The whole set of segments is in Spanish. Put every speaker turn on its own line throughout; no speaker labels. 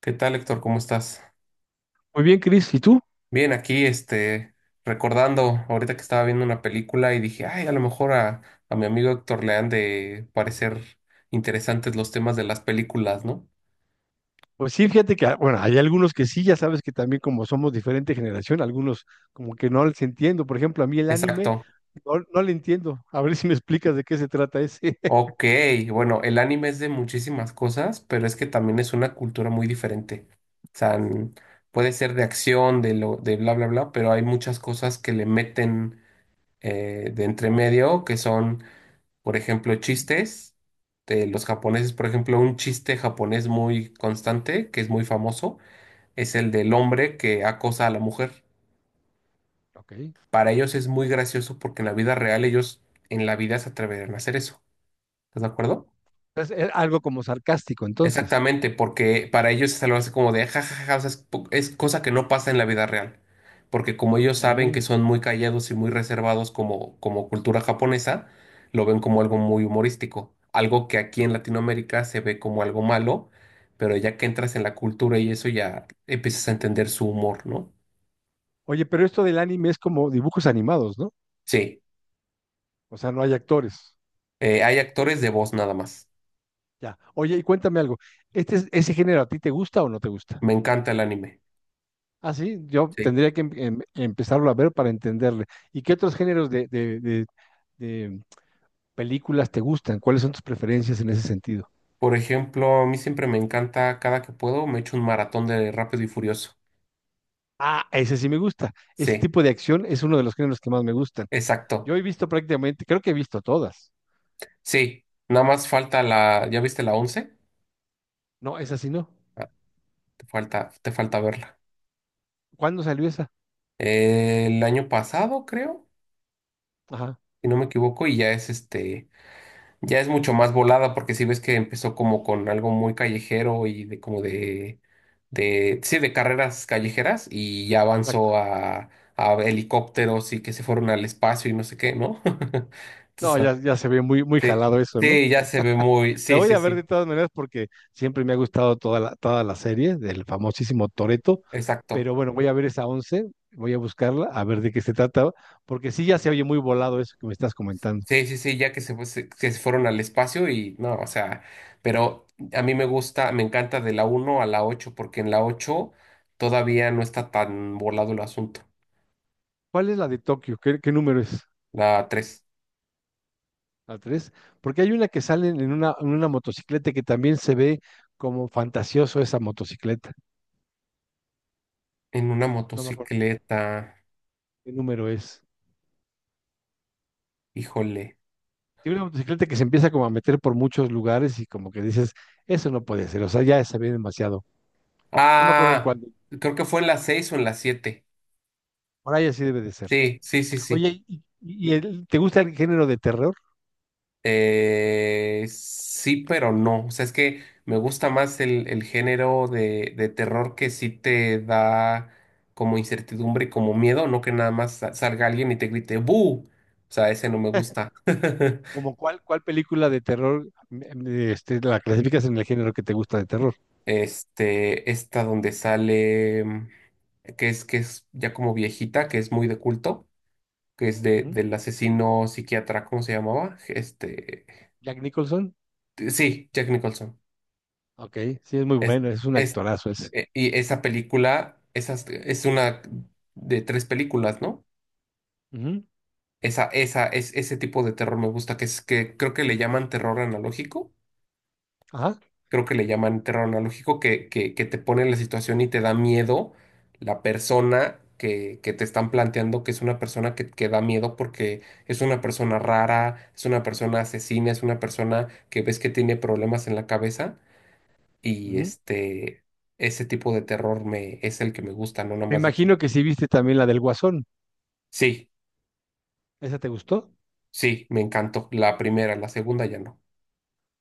¿Qué tal, Héctor? ¿Cómo estás?
Muy bien, Cris. ¿Y tú?
Bien, aquí, recordando ahorita que estaba viendo una película y dije, ay, a lo mejor a mi amigo Héctor le han de parecer interesantes los temas de las películas, ¿no?
Pues sí, fíjate que, hay algunos que sí, ya sabes que también como somos diferente generación, algunos como que no les entiendo. Por ejemplo, a mí el anime
Exacto.
no le entiendo. A ver si me explicas de qué se trata ese.
Ok, bueno, el anime es de muchísimas cosas, pero es que también es una cultura muy diferente. O sea, puede ser de acción, de bla, bla, bla, pero hay muchas cosas que le meten de entre medio que son. Por ejemplo, chistes de los japoneses. Por ejemplo, un chiste japonés muy constante, que es muy famoso, es el del hombre que acosa a la mujer.
Ok.
Para ellos es muy gracioso porque en la vida real ellos en la vida se atreverían a hacer eso. ¿Estás de acuerdo?
Es algo como sarcástico, entonces.
Exactamente, porque para ellos es algo así como de jajaja, o sea, es cosa que no pasa en la vida real. Porque como ellos saben
Mm.
que son muy callados y muy reservados como cultura japonesa, lo ven como algo muy humorístico. Algo que aquí en Latinoamérica se ve como algo malo, pero ya que entras en la cultura y eso ya empiezas a entender su humor, ¿no?
Oye, pero esto del anime es como dibujos animados, ¿no?
Sí,
O sea, no hay actores.
hay actores de voz nada más.
Ya. Oye, y cuéntame algo. Ese género a ti te gusta o no te gusta?
Me encanta el anime.
Ah, sí, yo
Sí.
tendría que empezarlo a ver para entenderle. ¿Y qué otros géneros de películas te gustan? ¿Cuáles son tus preferencias en ese sentido?
Por ejemplo, a mí siempre me encanta, cada que puedo, me echo un maratón de Rápido y Furioso.
Ah, ese sí me gusta. Ese
Sí.
tipo de acción es uno de los géneros que más me gustan.
Exacto.
Yo he visto prácticamente, creo que he visto todas.
Sí, nada más falta la, ¿ya viste la 11?
No, esa sí no.
Ah, te falta verla.
¿Cuándo salió esa?
El año pasado, creo,
Ajá,
si no me equivoco, y ya es mucho más volada porque si ves que empezó como con algo muy callejero y de como sí, de carreras callejeras y ya avanzó
exacto.
a helicópteros y que se fueron al espacio y no sé qué, ¿no? Entonces,
No,
ah,
ya, ya se ve muy, muy
sí,
jalado eso, ¿no?
sí, ya se ve muy,
La
sí,
voy
sí,
a ver de
sí,
todas maneras porque siempre me ha gustado toda la serie del famosísimo Toreto,
exacto.
pero bueno, voy a ver esa 11, voy a buscarla, a ver de qué se trata, porque sí ya se oye muy volado eso que me estás comentando.
Sí, sí, sí, que se fueron al espacio y no, o sea, pero a mí me encanta de la uno a la 8 porque en la 8 todavía no está tan volado el asunto.
¿Cuál es la de Tokio? Qué número es?
La tres
A tres, porque hay una que sale en una motocicleta que también se ve como fantasioso esa motocicleta.
en una
No me acuerdo
motocicleta,
qué número es.
híjole.
Tiene una motocicleta que se empieza como a meter por muchos lugares y como que dices, eso no puede ser, o sea, ya se ve demasiado. No me acuerdo en
Ah,
cuándo.
creo que fue en la 6 o en la 7.
Por ahí así debe de ser.
Sí, sí, sí, sí.
Oye, ¿ te gusta el género de terror?
Sí, pero no. O sea, es que me gusta más el género de terror que sí te da como incertidumbre y como miedo, no que nada más salga alguien y te grite ¡Bu! O sea, ese no me gusta.
¿Como cuál película de terror la clasificas en el género que te gusta de terror?
Esta donde sale, que es ya como viejita, que es muy de culto, que es
Ujú.
del asesino psiquiatra, ¿cómo se llamaba?
¿Jack Nicholson?
Sí, Jack Nicholson.
Ok, sí, es muy bueno, es un
Es,
actorazo ese.
Y esa película, es una de tres películas, ¿no?
Ujú.
Ese tipo de terror me gusta, que es que creo que le llaman terror analógico,
Ajá.
creo que le llaman terror analógico, que te pone en la situación y te da miedo la persona que te están planteando, que es una persona que da miedo porque es una persona rara, es una persona asesina, es una persona que ves que tiene problemas en la cabeza y
Ujú.
este, ese tipo de terror es el que me gusta, no nada
Me
más de que.
imagino que sí viste también la del Guasón.
Sí,
¿Esa te gustó?
sí, me encantó. La primera, la segunda ya no.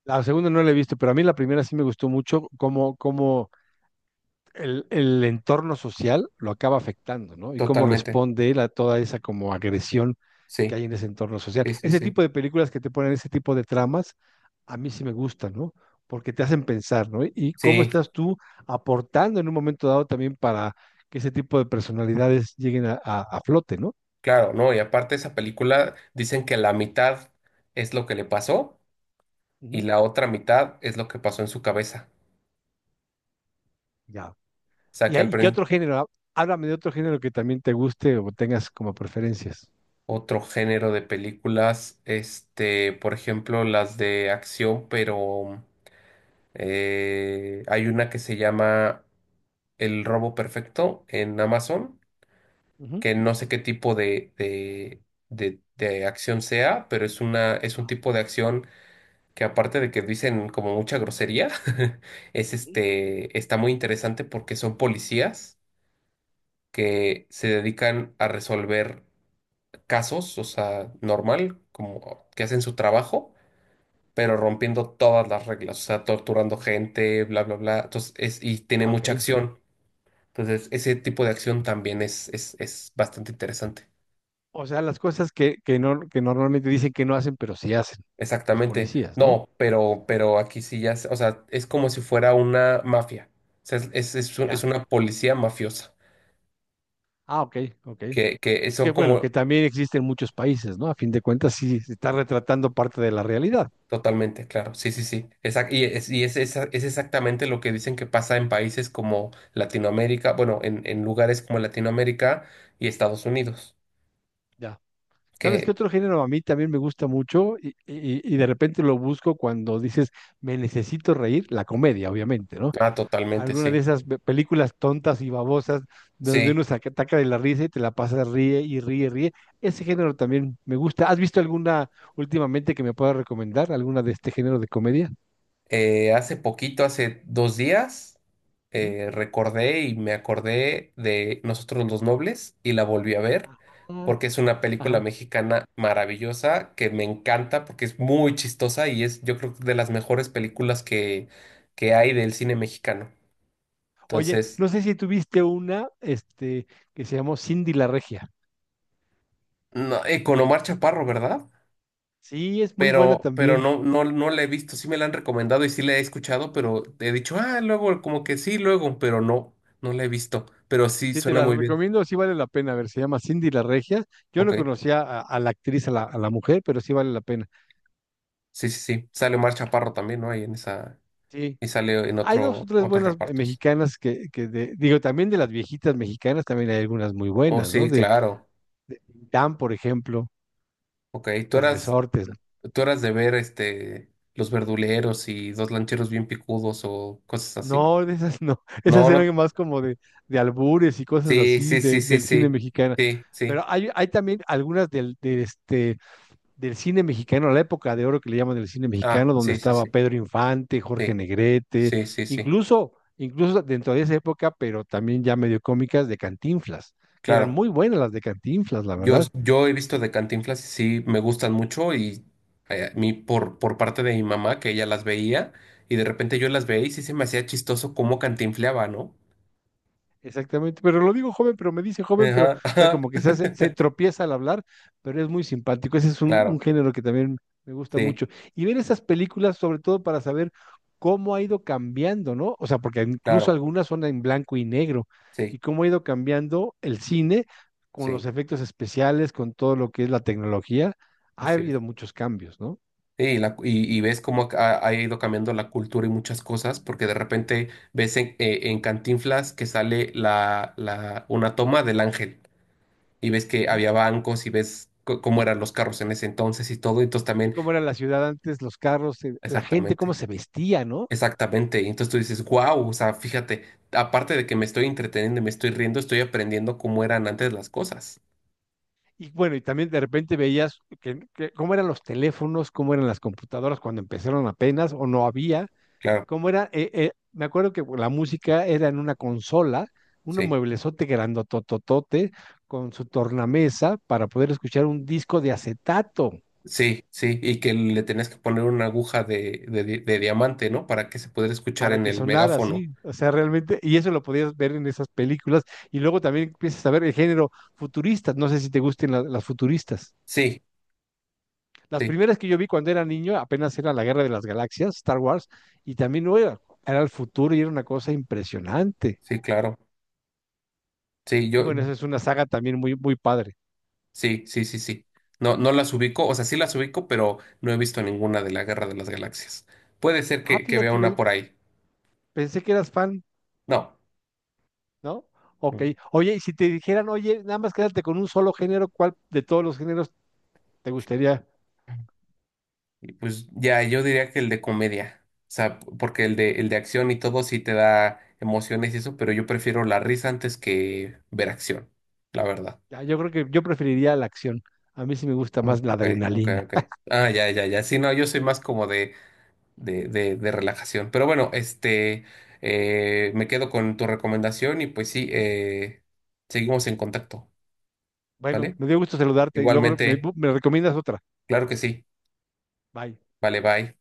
La segunda no la he visto, pero a mí la primera sí me gustó mucho cómo el entorno social lo acaba afectando, ¿no? Y cómo
Totalmente.
responde él a toda esa como agresión que
Sí,
hay en ese entorno social.
sí, sí,
Ese
sí.
tipo de películas que te ponen ese tipo de tramas, a mí sí me gustan, ¿no? Porque te hacen pensar, ¿no? Y cómo
Sí,
estás tú aportando en un momento dado también para que ese tipo de personalidades lleguen a, a flote, ¿no?
claro, ¿no? Y aparte esa película dicen que la mitad es lo que le pasó y
Ujú.
la otra mitad es lo que pasó en su cabeza.
Ya.
O sea que
Y qué otro género? Háblame de otro género que también te guste o tengas como preferencias.
otro género de películas, por ejemplo, las de acción, pero hay una que se llama El Robo Perfecto en Amazon
Ujú.
que no sé qué tipo de acción sea, pero es una, es un
Ajá.
tipo de acción que aparte de que dicen como mucha grosería, es
Ujú.
este, está muy interesante porque son policías que se dedican a resolver casos, o sea, normal, como que hacen su trabajo. Pero rompiendo todas las reglas, o sea, torturando gente, bla, bla, bla. Entonces, y tiene
Ah,
mucha
ok.
acción. Entonces, ese tipo de acción también es bastante interesante.
O sea, las cosas que, no, que normalmente dicen que no hacen, pero sí hacen los
Exactamente.
policías, ¿no?
No, pero aquí sí ya, o sea, es como si fuera una mafia. O sea, es
Ya.
una policía mafiosa,
Ah, ok, ok.
que
Que
son
bueno,
como
que también existe en muchos países, ¿no? A fin de cuentas, sí se está retratando parte de la realidad.
totalmente, claro, sí, sí, sí. Es exactamente lo que dicen que pasa en países como Latinoamérica, bueno, en lugares como Latinoamérica y Estados Unidos,
Ya. ¿Sabes qué
que,
otro género a mí también me gusta mucho y de repente lo busco cuando dices, me necesito reír? La comedia, obviamente, ¿no?
ah, totalmente,
Alguna de
sí.
esas películas tontas y babosas donde
Sí,
uno se ataca de la risa y te la pasa ríe y ríe, ríe. Ese género también me gusta. ¿Has visto alguna últimamente que me pueda recomendar? ¿Alguna de este género de comedia?
Hace poquito, hace 2 días,
Ujú.
recordé y me acordé de Nosotros los Nobles y la volví a ver
Ah.
porque es una película
Ajá.
mexicana maravillosa que me encanta porque es muy chistosa y es yo creo que de las mejores películas que hay del cine mexicano.
Oye,
Entonces,
no sé si tuviste una, este, que se llamó Cindy la Regia.
no, con Omar Chaparro, ¿verdad?
Sí, es muy buena
Pero
también.
no, no, no la he visto, sí me la han recomendado y sí la he escuchado, pero he dicho, ah, luego, como que sí, luego, pero no, no la he visto, pero sí
Sí, te
suena
la
muy bien.
recomiendo, sí vale la pena. A ver, se llama Cindy la Regia. Yo
Ok,
no conocía a la actriz, a la mujer, pero sí vale la pena.
sí, sí, sí. Sale Omar Chaparro también, ¿no? Ahí en esa,
Sí,
y sale en
hay dos o tres
otros
buenas
repartos.
mexicanas que digo, también de las viejitas mexicanas también hay algunas muy
Oh,
buenas, ¿no?
sí,
De
claro.
Dan, por ejemplo,
Ok,
de Resortes.
tú eras de ver este Los Verduleros y Dos Lancheros Bien Picudos o cosas así.
No, de esas no. Esas
No, no.
eran más como de albures y cosas
Sí,
así
sí, sí, sí,
del cine
sí.
mexicano.
Sí, sí.
Pero hay también algunas del, de este, del cine mexicano, la época de oro que le llaman del cine
Ah,
mexicano, donde
sí, sí,
estaba
sí.
Pedro Infante, Jorge
Sí,
Negrete,
sí, sí, sí.
incluso dentro de esa época, pero también ya medio cómicas de Cantinflas, que eran
Claro.
muy buenas las de Cantinflas, la
Yo,
verdad.
yo he visto de Cantinflas y sí me gustan mucho y a mí por parte de mi mamá que ella las veía y de repente yo las veía y sí se me hacía chistoso cómo cantinfleaba, ¿no?
Exactamente, pero lo digo joven, pero me dice joven, pero, o
Ajá,
sea,
ajá,
como que se hace, se tropieza al hablar, pero es muy simpático. Ese es un
claro,
género que también me gusta
sí,
mucho. Y ver esas películas, sobre todo para saber cómo ha ido cambiando, ¿no? O sea, porque incluso
claro,
algunas son en blanco y negro,
sí,
y cómo ha ido cambiando el cine con
sí,
los efectos especiales, con todo lo que es la tecnología. Ha
así es.
habido muchos cambios, ¿no?
Y ves cómo ha, ha ido cambiando la cultura y muchas cosas porque de repente ves en Cantinflas que sale una toma del ángel y ves que
Ujú.
había bancos y ves cómo eran los carros en ese entonces y todo, entonces
Y
también...
cómo era la ciudad antes, los carros, la gente, cómo
Exactamente.
se vestía, ¿no?
Exactamente, y entonces tú dices, wow, o sea, fíjate, aparte de que me estoy entreteniendo y me estoy riendo, estoy aprendiendo cómo eran antes las cosas.
Y bueno, y también de repente veías que cómo eran los teléfonos, cómo eran las computadoras cuando empezaron apenas o no había,
Claro,
cómo era, me acuerdo que la música era en una consola, un
sí,
mueblezote grandotototote con su tornamesa para poder escuchar un disco de acetato
sí, sí, y que le tenías que poner una aguja de diamante, ¿no? Para que se pudiera escuchar
para
en
que
el
sonara
megáfono.
así, o sea, realmente, y eso lo podías ver en esas películas, y luego también empiezas a ver el género futurista, no sé si te gusten las futuristas.
Sí,
Las
sí,
primeras que yo vi cuando era niño apenas era la Guerra de las Galaxias, Star Wars, y también no era, era el futuro y era una cosa impresionante.
sí, claro. Sí,
Y
yo,
bueno, esa es una saga también muy, muy padre.
sí, sí, sí, sí. No, no las ubico, o sea, sí las ubico, pero no he visto ninguna de la Guerra de las Galaxias. Puede ser
Ah,
que vea
fíjate,
una por ahí.
pensé que eras fan,
No,
¿no? Ok.
no.
Oye, y si te dijeran, oye, nada más quédate con un solo género, ¿cuál de todos los géneros te gustaría?
Y pues ya, yo diría que el de comedia. O sea, porque el de acción y todo sí te da emociones y eso, pero yo prefiero la risa antes que ver acción, la verdad.
Ah, yo creo que yo preferiría la acción. A mí sí me gusta
Oh,
más la
Ok, ok,
adrenalina.
ok. Ah, ya, ya, ya. Sí, no, yo soy más como de relajación. Pero bueno, me quedo con tu recomendación y pues sí, seguimos en contacto,
Bueno,
¿vale?
me dio gusto saludarte y luego
Igualmente,
me recomiendas otra.
claro que sí.
Bye.
Vale, bye.